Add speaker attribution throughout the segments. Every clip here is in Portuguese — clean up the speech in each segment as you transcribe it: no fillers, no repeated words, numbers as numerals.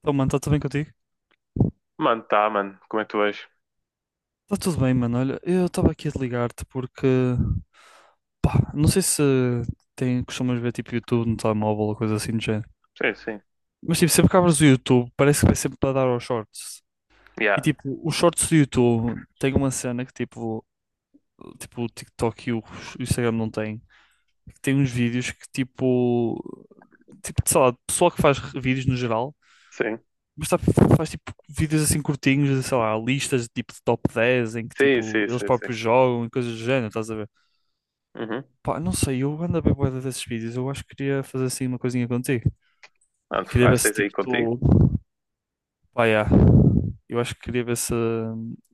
Speaker 1: Então, mano, está tudo bem contigo?
Speaker 2: Mano, tá, mano. Como é que tu és?
Speaker 1: Está tudo bem, mano. Olha, eu estava aqui a te ligar-te porque, pá, não sei se tem, costumas ver tipo YouTube no telemóvel ou coisa assim do género.
Speaker 2: Sim, sim.
Speaker 1: Mas tipo, sempre que abres o YouTube, parece que vai sempre para dar aos shorts. E
Speaker 2: Yeah.
Speaker 1: tipo, os shorts do YouTube tem uma cena que tipo, tipo o TikTok e o Instagram não têm. Que tem uns vídeos que tipo, tipo, sei lá, pessoal que faz vídeos no geral.
Speaker 2: Sim.
Speaker 1: Mas sabe, faz tipo vídeos assim curtinhos, sei lá, listas tipo de top 10 em que
Speaker 2: Sim,
Speaker 1: tipo
Speaker 2: sim,
Speaker 1: eles
Speaker 2: sim, sim.
Speaker 1: próprios jogam e coisas do género, estás a ver?
Speaker 2: Uhum.
Speaker 1: Pá, não sei, eu ando a ver bué desses vídeos, eu acho que queria fazer assim uma coisinha contigo.
Speaker 2: Mano,
Speaker 1: Queria ver
Speaker 2: faz,
Speaker 1: se
Speaker 2: tens aí
Speaker 1: tipo
Speaker 2: contigo?
Speaker 1: tu. Pá, yeah. Eu acho que queria ver se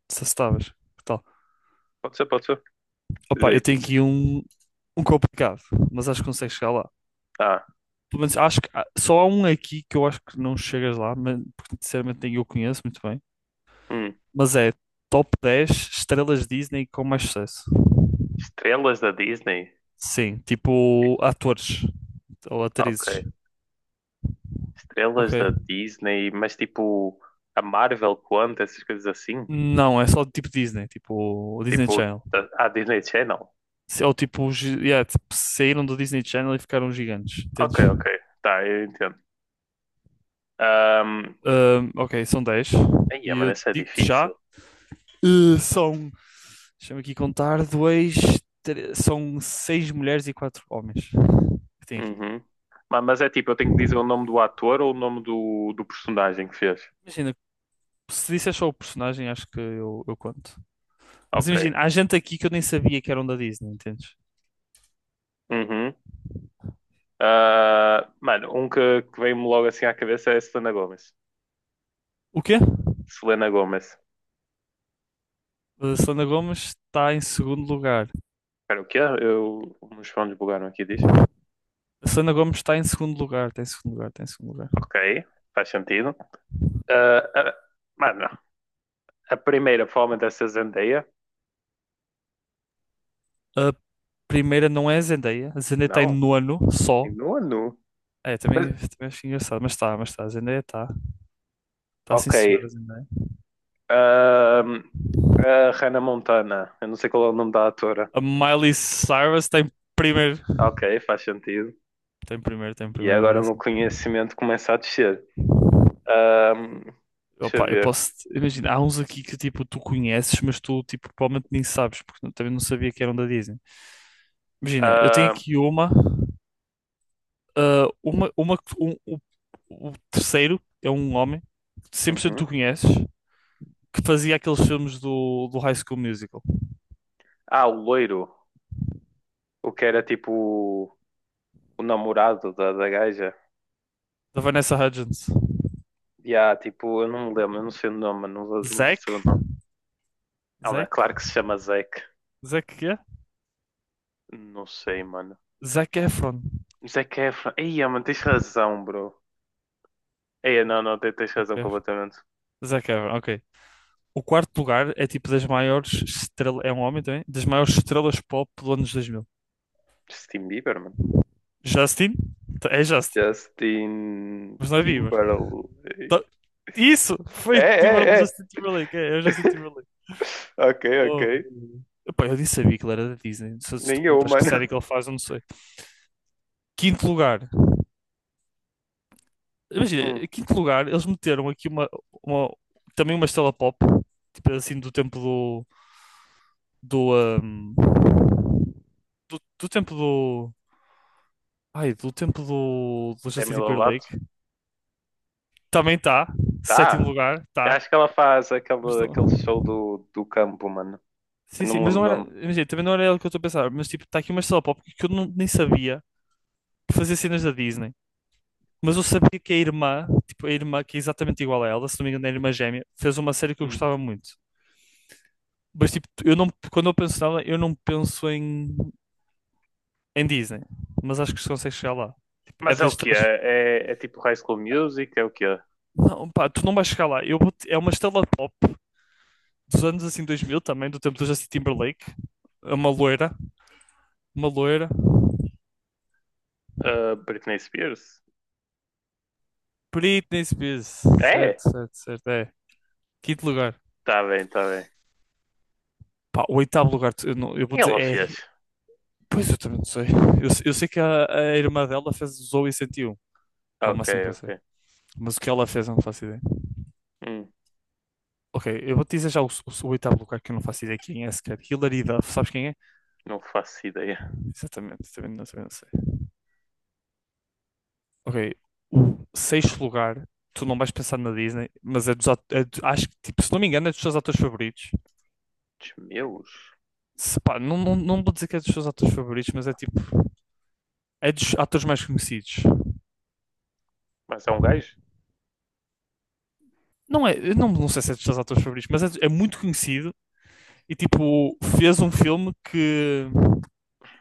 Speaker 1: estavas. Que tal?
Speaker 2: Pode ser, pode ser. Diz
Speaker 1: Opa, eu
Speaker 2: aí.
Speaker 1: tenho aqui um, um complicado, mas acho que consegues chegar lá.
Speaker 2: Ah,
Speaker 1: Pelo menos acho que só há um aqui que eu acho que não chegas lá, mas porque sinceramente nem eu conheço muito bem.
Speaker 2: hum.
Speaker 1: Mas é top 10 estrelas Disney com mais sucesso.
Speaker 2: Estrelas da Disney?
Speaker 1: Sim, tipo atores ou
Speaker 2: Ok.
Speaker 1: atrizes. Ok.
Speaker 2: Estrelas da Disney, mas tipo a Marvel quanto, essas coisas assim?
Speaker 1: Não, é só tipo Disney, tipo o Disney
Speaker 2: Tipo,
Speaker 1: Channel.
Speaker 2: a Disney Channel?
Speaker 1: Ou tipo, yeah, tipo, saíram do Disney Channel e ficaram gigantes, entendes?
Speaker 2: Ok, ok. Tá, eu entendo. Um...
Speaker 1: Ok, são dez.
Speaker 2: Aí,
Speaker 1: E
Speaker 2: mano,
Speaker 1: eu
Speaker 2: isso é
Speaker 1: digo-te já,
Speaker 2: difícil.
Speaker 1: são, deixa-me aqui contar, dois, são seis mulheres e quatro homens que tem aqui.
Speaker 2: Uhum. Mas é tipo, eu tenho que dizer o nome do ator ou o nome do personagem que fez?
Speaker 1: Imagina, se disser só o personagem, acho que eu conto. Mas
Speaker 2: Ok.
Speaker 1: imagina, há gente aqui que eu nem sabia que eram da Disney, entendes?
Speaker 2: Uhum. Ah, mano, um que veio-me logo assim à cabeça é a Selena Gomez.
Speaker 1: O quê?
Speaker 2: Selena Gomez.
Speaker 1: A Selena Gomez está em segundo lugar.
Speaker 2: Espera, o quê? Eu, os fones bugaram aqui, diz.
Speaker 1: A Selena Gomez está em segundo lugar, está em segundo lugar, está em segundo lugar.
Speaker 2: Ok, faz sentido. Ah, ah, mano, a primeira provavelmente deve ser Zendaya.
Speaker 1: A primeira não é a Zendaya. A Zendaya está em
Speaker 2: Não,
Speaker 1: nono só.
Speaker 2: em nono.
Speaker 1: É,
Speaker 2: Mas,
Speaker 1: também acho engraçado, mas está, mas está. A Zendaya está. Está sim,
Speaker 2: ok.
Speaker 1: senhora Zendaya.
Speaker 2: Ah, a Hannah Montana. Eu não sei qual é o nome da atora.
Speaker 1: A Miley Cyrus está em primeiro.
Speaker 2: Ok, faz sentido.
Speaker 1: Tem primeiro, tem
Speaker 2: E
Speaker 1: primeiro a
Speaker 2: agora
Speaker 1: Miley
Speaker 2: o meu
Speaker 1: Cyrus.
Speaker 2: conhecimento começa a descer. Ah, deixa eu
Speaker 1: Opa, eu
Speaker 2: ver.
Speaker 1: posso. Imagina, há uns aqui que tipo, tu conheces, mas tu tipo, provavelmente nem sabes, porque também não sabia que eram da Disney. Imagina, eu tenho
Speaker 2: Ah,
Speaker 1: aqui uma, ah, uma, uma, que- um- o, o terceiro é um homem que cem por cento tu
Speaker 2: uhum.
Speaker 1: conheces, que fazia aqueles filmes do, do High School Musical,
Speaker 2: Ah, o loiro. O que era tipo o namorado da gaja.
Speaker 1: da Vanessa Hudgens.
Speaker 2: E há tipo, eu não me lembro, eu não sei o nome, mano, não vou saber
Speaker 1: Zac?
Speaker 2: o nome. Ela,
Speaker 1: Zac?
Speaker 2: claro que se chama Zac.
Speaker 1: Zac quê?
Speaker 2: Não sei, mano.
Speaker 1: Zac Efron.
Speaker 2: Zac Efron. Ei, mano, tens razão, bro. Ei, não, não, tens
Speaker 1: Zac
Speaker 2: razão
Speaker 1: Efron,
Speaker 2: completamente.
Speaker 1: Zac Efron, ok. O quarto lugar é tipo das maiores estrelas, é um homem também, das maiores estrelas pop do anos 2000.
Speaker 2: Justin Bieber, mano.
Speaker 1: Justin? É Justin,
Speaker 2: Justin
Speaker 1: mas não é Bieber.
Speaker 2: Timberlake.
Speaker 1: Tá- Isso! Foi Timberlake,
Speaker 2: É.
Speaker 1: Justin Timberlake, é, é o Justin Timberlake.
Speaker 2: Ok,
Speaker 1: Oh,
Speaker 2: ok.
Speaker 1: epá, eu nem sabia que ele era da Disney. Se tu
Speaker 2: Nem eu,
Speaker 1: perguntas que
Speaker 2: mano.
Speaker 1: série que ele faz, eu não sei. Quinto lugar.
Speaker 2: Hum,
Speaker 1: Imagina, quinto lugar, eles meteram aqui uma, uma- também uma estrela pop, tipo assim, do tempo do, do, ahm, do tempo do. Ai, do tempo do, do Justin
Speaker 2: Demi Lovato.
Speaker 1: Timberlake. Também está. Sétimo
Speaker 2: Tá.
Speaker 1: lugar,
Speaker 2: Eu
Speaker 1: está.
Speaker 2: acho que ela faz
Speaker 1: Mas não-
Speaker 2: aquele show do campo, mano. Eu
Speaker 1: Sim,
Speaker 2: não
Speaker 1: sim,
Speaker 2: me
Speaker 1: mas
Speaker 2: lembro o
Speaker 1: não era.
Speaker 2: nome.
Speaker 1: Imagina, também não era ele que eu estou a pensar. Mas tipo, está aqui uma estrela pop que eu não- nem sabia que fazia cenas da Disney. Mas eu sabia que a irmã, tipo, a irmã que é exatamente igual a ela, se não me engano, é a irmã gêmea, fez uma série que eu gostava muito. Mas, tipo, eu não, quando eu penso nela, eu não penso em, em Disney. Mas acho que se consegue chegar lá. Tipo, é
Speaker 2: Mas é o
Speaker 1: das
Speaker 2: que
Speaker 1: estrelas.
Speaker 2: é? É tipo High School Music? É o que é?
Speaker 1: Não, pá, tu não vais chegar lá. É uma estrela pop dos anos assim 2000 também, do tempo do Justin Timberlake. É uma loira. Uma loira.
Speaker 2: Britney Spears?
Speaker 1: Britney Spears. Certo,
Speaker 2: É?
Speaker 1: certo, certo. É. Quinto lugar.
Speaker 2: Tá bem, tá bem.
Speaker 1: Pá, o oitavo lugar, eu, não- eu vou
Speaker 2: E
Speaker 1: dizer,
Speaker 2: ela
Speaker 1: é.
Speaker 2: fez?
Speaker 1: Pois eu também não sei. Eu sei que a irmã dela fez, usou e sentiu. É o
Speaker 2: Ok,
Speaker 1: máximo que eu sei.
Speaker 2: ok.
Speaker 1: Mas o que ela fez eu não faço ideia.
Speaker 2: Hum,
Speaker 1: Ok, eu vou te dizer já o oitavo lugar que eu não faço ideia quem é sequer. Hilary Duff, sabes quem é?
Speaker 2: não faço ideia.
Speaker 1: Exatamente, também não sei. Ok, o sexto lugar, tu não vais pensar na Disney, mas é dos ato- é do- acho que, tipo, se não me engano, é dos teus atores favoritos.
Speaker 2: Dos meus?
Speaker 1: Se pá, não, não, não vou dizer que é dos teus atores favoritos, mas é tipo, é dos atores mais conhecidos.
Speaker 2: Mas é um gajo?
Speaker 1: Não é, eu não, não sei se é dos teus atores favoritos, mas é, é muito conhecido. E tipo, fez um filme que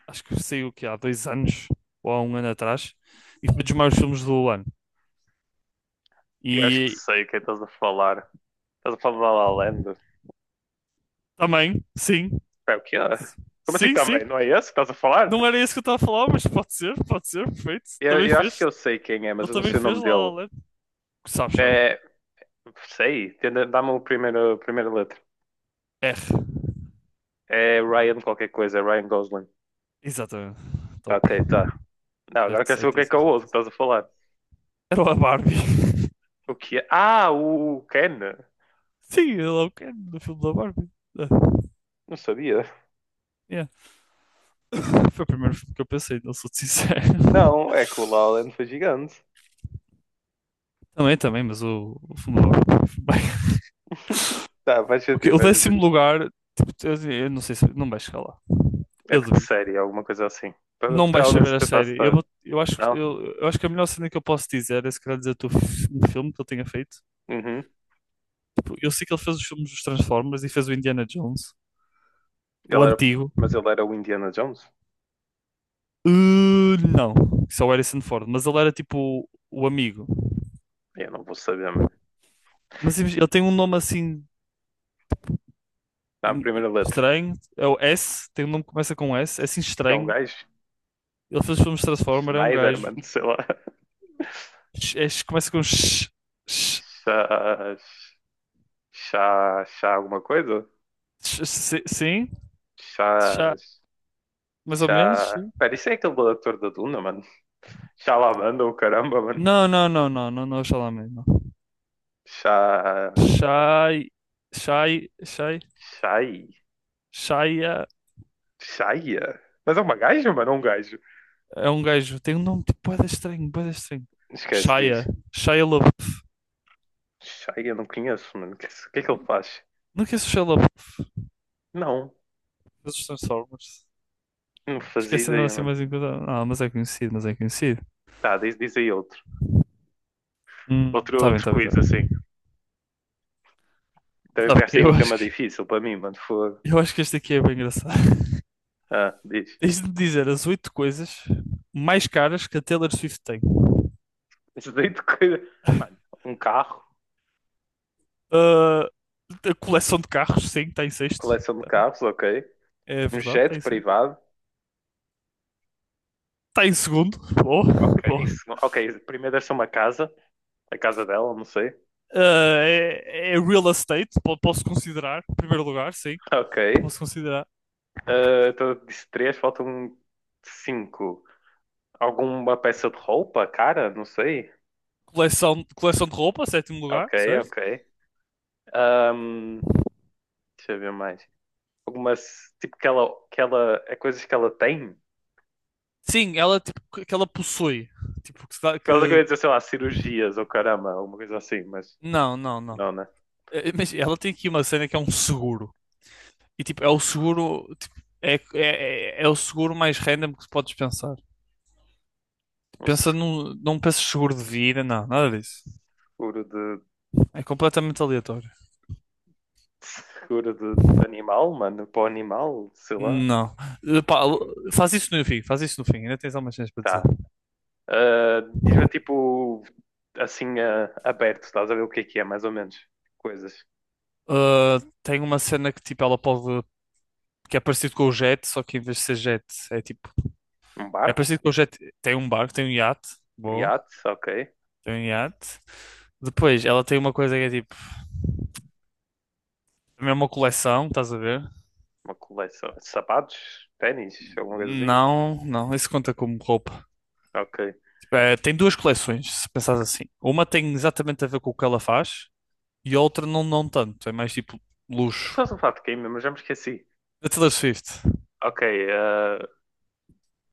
Speaker 1: acho que saiu que há dois anos ou há um ano atrás e foi um dos maiores filmes do ano.
Speaker 2: Eu acho que
Speaker 1: E
Speaker 2: sei quem estás a falar. Estás a falar da La La Land?
Speaker 1: também, sim,
Speaker 2: É o que é? Como assim
Speaker 1: sim, sim.
Speaker 2: também? Não é esse que estás a falar?
Speaker 1: Não era isso que eu estava a falar, mas pode ser, perfeito.
Speaker 2: Eu,
Speaker 1: Também
Speaker 2: eu acho que
Speaker 1: fez,
Speaker 2: eu sei quem é, mas
Speaker 1: ele
Speaker 2: eu não
Speaker 1: também
Speaker 2: sei o
Speaker 1: fez
Speaker 2: nome
Speaker 1: lá La
Speaker 2: dele.
Speaker 1: La Land. Sabes, sabes.
Speaker 2: É, sei. Dá-me o primeiro, a primeira letra.
Speaker 1: R.
Speaker 2: É Ryan qualquer coisa, é Ryan Gosling.
Speaker 1: Exatamente.
Speaker 2: Tá,
Speaker 1: Top.
Speaker 2: ok, tá. Não, agora
Speaker 1: Certo,
Speaker 2: quero saber o que
Speaker 1: certíssimo,
Speaker 2: é o outro que
Speaker 1: certíssimo.
Speaker 2: estás a falar.
Speaker 1: Era a Barbie.
Speaker 2: O que é? Ah, o Ken.
Speaker 1: Sim, ele é o Ken do filme da Barbie. Ah,
Speaker 2: Não sabia.
Speaker 1: yeah. Foi o primeiro filme que eu pensei, não sou sincero.
Speaker 2: Não, é que o Lowland foi gigante.
Speaker 1: Também, também, mas o segundo lugar. Bem.
Speaker 2: Tá, faz
Speaker 1: Ok,
Speaker 2: sentido,
Speaker 1: o
Speaker 2: faz sentido.
Speaker 1: décimo lugar, tipo, eu não sei se não vai chegar lá.
Speaker 2: É
Speaker 1: Eu
Speaker 2: de que
Speaker 1: duvido.
Speaker 2: série? É alguma coisa assim.
Speaker 1: Não vais
Speaker 2: Ao menos
Speaker 1: saber
Speaker 2: eu
Speaker 1: a
Speaker 2: tentar
Speaker 1: série. Eu,
Speaker 2: citar.
Speaker 1: vou-
Speaker 2: Não?
Speaker 1: eu acho que a melhor cena que eu posso dizer é se calhar dizer um filme que ele tenha feito.
Speaker 2: Uhum.
Speaker 1: Tipo, eu sei que ele fez os filmes dos Transformers e fez o Indiana Jones, o
Speaker 2: Ele era...
Speaker 1: antigo.
Speaker 2: Mas ele era o Indiana Jones?
Speaker 1: Não, isso é o Harrison Ford, mas ele era tipo o amigo.
Speaker 2: Eu não vou saber, mano.
Speaker 1: Ele tem um nome assim
Speaker 2: Dá a
Speaker 1: em-
Speaker 2: primeira letra.
Speaker 1: estranho, é o S, tem um nome que começa com S, é assim
Speaker 2: É um
Speaker 1: estranho.
Speaker 2: gajo?
Speaker 1: Ele fez os filmes de Transformers, é um
Speaker 2: Schneider,
Speaker 1: gajo.
Speaker 2: mano, sei lá.
Speaker 1: É, começa com sh, sh,
Speaker 2: Chá... Chá... Chá alguma coisa?
Speaker 1: sim,
Speaker 2: Chá...
Speaker 1: chá, mais ou menos, sim.
Speaker 2: Pera, isso é aquele ator da Duna, mano? Chá ou caramba, mano.
Speaker 1: Não, não, não, não, não, não, Chalamet, não.
Speaker 2: Chá.
Speaker 1: Shai, Shai, Shai,
Speaker 2: Chai.
Speaker 1: Shia
Speaker 2: Chaia? Mas é uma gaja, mano? É um gajo.
Speaker 1: é um gajo, tem um nome tipo bué da estranho, bué da estranho.
Speaker 2: Esquece
Speaker 1: Shia,
Speaker 2: disso.
Speaker 1: Shia LaBeouf.
Speaker 2: Chaia, não conheço, mano. O que, é que é que ele faz?
Speaker 1: Não conheço o Shia LaBeouf,
Speaker 2: Não.
Speaker 1: mas Transformers.
Speaker 2: Não fazia
Speaker 1: Esquecendo
Speaker 2: ideia,
Speaker 1: assim
Speaker 2: mano.
Speaker 1: mais enquanto. Ah, mas é conhecido, mas é conhecido.
Speaker 2: Tá, diz aí outro.
Speaker 1: Tá bem,
Speaker 2: Outro
Speaker 1: tá bem, tá
Speaker 2: quiz, assim.
Speaker 1: bem.
Speaker 2: Também
Speaker 1: Tá
Speaker 2: pegaste
Speaker 1: bem,
Speaker 2: aí um tema difícil para mim, mano. Fogo.
Speaker 1: eu acho que este aqui é bem engraçado.
Speaker 2: Ah, diz.
Speaker 1: Tens de me dizer as oito coisas mais caras que a Taylor Swift tem.
Speaker 2: Isso daí de coisa. Mano, um carro.
Speaker 1: Ah, a coleção de carros, sim, está em sexto.
Speaker 2: Coleção de carros, ok.
Speaker 1: É
Speaker 2: Um
Speaker 1: verdade, está
Speaker 2: jet
Speaker 1: em sexto.
Speaker 2: privado.
Speaker 1: Está em segundo. Bom,
Speaker 2: Ok,
Speaker 1: bom.
Speaker 2: isso, ok, primeiro deve ser uma casa, a casa dela, não sei.
Speaker 1: Ah, é, é real estate, posso considerar. Primeiro lugar, sim.
Speaker 2: Ok.
Speaker 1: Posso considerar.
Speaker 2: Ah, então eu tô de três, faltam cinco. Alguma peça de roupa, cara? Não sei.
Speaker 1: Coleção, coleção de roupa, sétimo
Speaker 2: Ok,
Speaker 1: lugar, certo?
Speaker 2: ok. Ahm, deixa eu ver mais. Algumas, tipo, que ela, é coisas que ela tem?
Speaker 1: Sim, ela, tipo, que ela possui. Tipo, que,
Speaker 2: Ela queria dizer, sei lá, cirurgias ou caramba, alguma coisa assim, mas
Speaker 1: não, não, não.
Speaker 2: não, né?
Speaker 1: Mas ela tem aqui uma cena que é um seguro. E tipo, é o seguro, tipo, é o seguro mais random que podes pensar.
Speaker 2: Um
Speaker 1: Pensa
Speaker 2: seguro
Speaker 1: num, não penses seguro de vida, não, nada disso.
Speaker 2: de,
Speaker 1: É completamente aleatório.
Speaker 2: seguro de animal, mano, para o animal, sei lá.
Speaker 1: Não. Eh, pá, faz isso no fim, faz isso no fim, ainda tens algumas cenas para dizer.
Speaker 2: Tá. Ah, diz-me, tipo, assim, ah, aberto, estás a ver o que é, mais ou menos. Coisas.
Speaker 1: Ah, tem uma cena que tipo, ela pode. Que é parecido com o jet, só que em vez de ser jet, é tipo.
Speaker 2: Um
Speaker 1: É
Speaker 2: barco?
Speaker 1: parecido com o jet. Tem um barco, tem um iate, boa,
Speaker 2: Yates, ok.
Speaker 1: tem um iate. Depois, ela tem uma coisa que é tipo. Também é uma coleção, estás a ver?
Speaker 2: Uma coleção. Sapatos? Ténis? Alguma coisa assim?
Speaker 1: Não, não, isso conta como roupa.
Speaker 2: Ok.
Speaker 1: Tem duas coleções, se pensares assim. Uma tem exatamente a ver com o que ela faz e a outra não, não tanto. É mais tipo luxo.
Speaker 2: Estás a falar de game, mas já me esqueci.
Speaker 1: Da Taylor Swift.
Speaker 2: Ok, ah,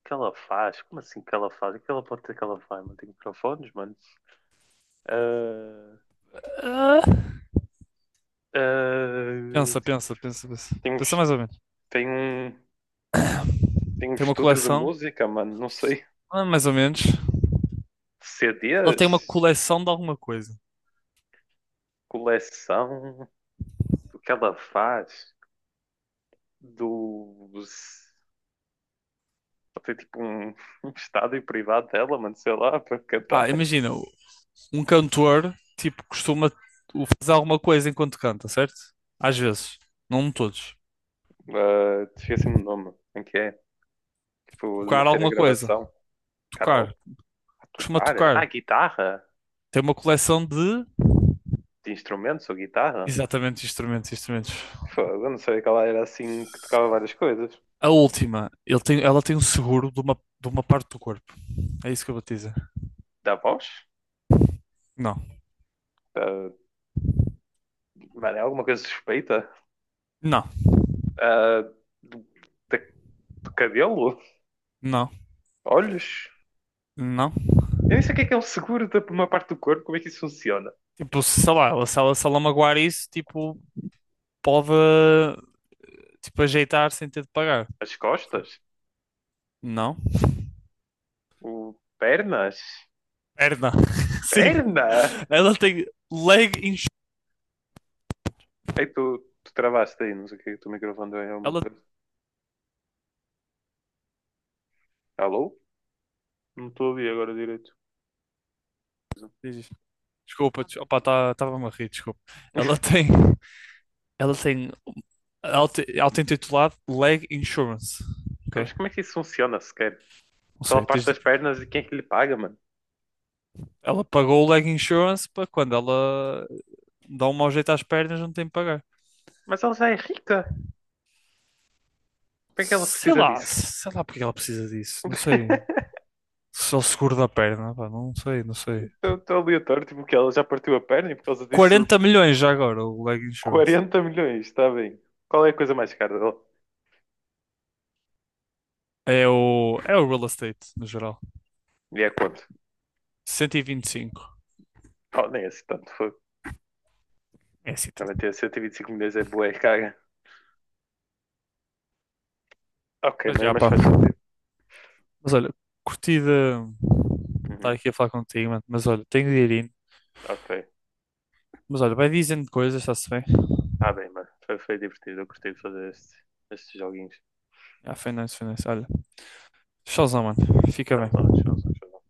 Speaker 2: o que ela faz? Como assim que ela faz? O que ela pode ter que ela faz? Mano, tem microfones, mano. Ah,
Speaker 1: Ah.
Speaker 2: ah,
Speaker 1: Pensa, pensa, pensa, pensa.
Speaker 2: tem
Speaker 1: Pensa mais ou menos.
Speaker 2: tem um, tem um
Speaker 1: Tem uma
Speaker 2: estúdio de
Speaker 1: coleção,
Speaker 2: música, mano. Não sei.
Speaker 1: ah, mais ou menos. Ela tem uma
Speaker 2: CDs?
Speaker 1: coleção de alguma coisa.
Speaker 2: Coleção? O que ela faz? Dos. Ela tem tipo um, um estádio privado dela, mano. Sei lá, para
Speaker 1: Ah,
Speaker 2: cantar.
Speaker 1: imagina, um cantor, tipo, costuma fazer alguma coisa enquanto canta, certo? Às vezes. Não todos.
Speaker 2: Esqueci-me o nome. Em que é? Tipo, de
Speaker 1: Tocar
Speaker 2: meter a
Speaker 1: alguma coisa.
Speaker 2: gravação.
Speaker 1: Tocar.
Speaker 2: Carol? A
Speaker 1: Costuma
Speaker 2: tocar? Ah,
Speaker 1: tocar.
Speaker 2: guitarra?
Speaker 1: Tem uma coleção de
Speaker 2: De instrumentos ou guitarra?
Speaker 1: exatamente instrumentos, instrumentos.
Speaker 2: Fogo, eu não sabia que ela era assim que tocava várias coisas.
Speaker 1: A última, ela tem um seguro de uma parte do corpo. É isso que eu vou te dizer.
Speaker 2: Da voz?
Speaker 1: Não,
Speaker 2: Da... Mano, é alguma coisa suspeita?
Speaker 1: não,
Speaker 2: Ah, do, da- do cabelo?
Speaker 1: não,
Speaker 2: Olhos?
Speaker 1: não.
Speaker 2: Eu nem sei o que é um seguro da por uma parte do corpo, como é que isso funciona?
Speaker 1: Tipo, sei lá, ela, se ela magoar isso, tipo, pode tipo, ajeitar sem ter de pagar.
Speaker 2: As
Speaker 1: Foi.
Speaker 2: costas?
Speaker 1: Não.
Speaker 2: O... Pernas?
Speaker 1: Perna. Sim.
Speaker 2: Perna?
Speaker 1: Ela tem leg insurance.
Speaker 2: Ei, tu travaste aí, não sei o que é que o teu microfone deu aí alguma
Speaker 1: Ela...
Speaker 2: coisa. Alô? Não estou a ouvir agora direito.
Speaker 1: Diz. Desculpa, des- opá, estava-me a rir, desculpa. Ela tem. Ela tem. Auto-intitulado Leg Insurance.
Speaker 2: Então,
Speaker 1: Ok?
Speaker 2: mas como é que isso funciona sequer?
Speaker 1: Não
Speaker 2: Pela
Speaker 1: sei.
Speaker 2: parte das pernas e quem é que lhe paga, mano?
Speaker 1: Ela pagou o leg insurance para quando ela dá um mau jeito às pernas, não tem que pagar.
Speaker 2: Mas ela já é rica. Por que é que ela precisa disso?
Speaker 1: Sei lá porque ela precisa disso. Não sei. Só o seguro da perna, pá, não sei, não sei.
Speaker 2: Estou aleatório, tipo que ela já partiu a perna e por causa disso
Speaker 1: 40 milhões já agora o leg insurance.
Speaker 2: 40 milhões, está bem. Qual é a coisa mais cara dela?
Speaker 1: É é o real estate, no geral.
Speaker 2: E é quanto?
Speaker 1: Cento e vinte e cinco.
Speaker 2: Oh, nem é assim tanto, foi.
Speaker 1: É assim, tá.
Speaker 2: Não ter 125 milhões é boa, é caga. Ok,
Speaker 1: Mas já,
Speaker 2: mas
Speaker 1: pá.
Speaker 2: faz sentido.
Speaker 1: Mas olha, curtida de estar
Speaker 2: Uhum,
Speaker 1: aqui a falar contigo, mano. Mas olha, tenho de ir indo.
Speaker 2: ok.
Speaker 1: Mas olha, vai dizendo coisas, está-se bem.
Speaker 2: Ah bem, mano. Foi, foi divertido, eu gostei de fazer estes joguinhos.
Speaker 1: Ah, foi nice, foi nice. Olha, tchauzão, mano. Fica bem.
Speaker 2: Tchauzão, tchauzão, tchauzão.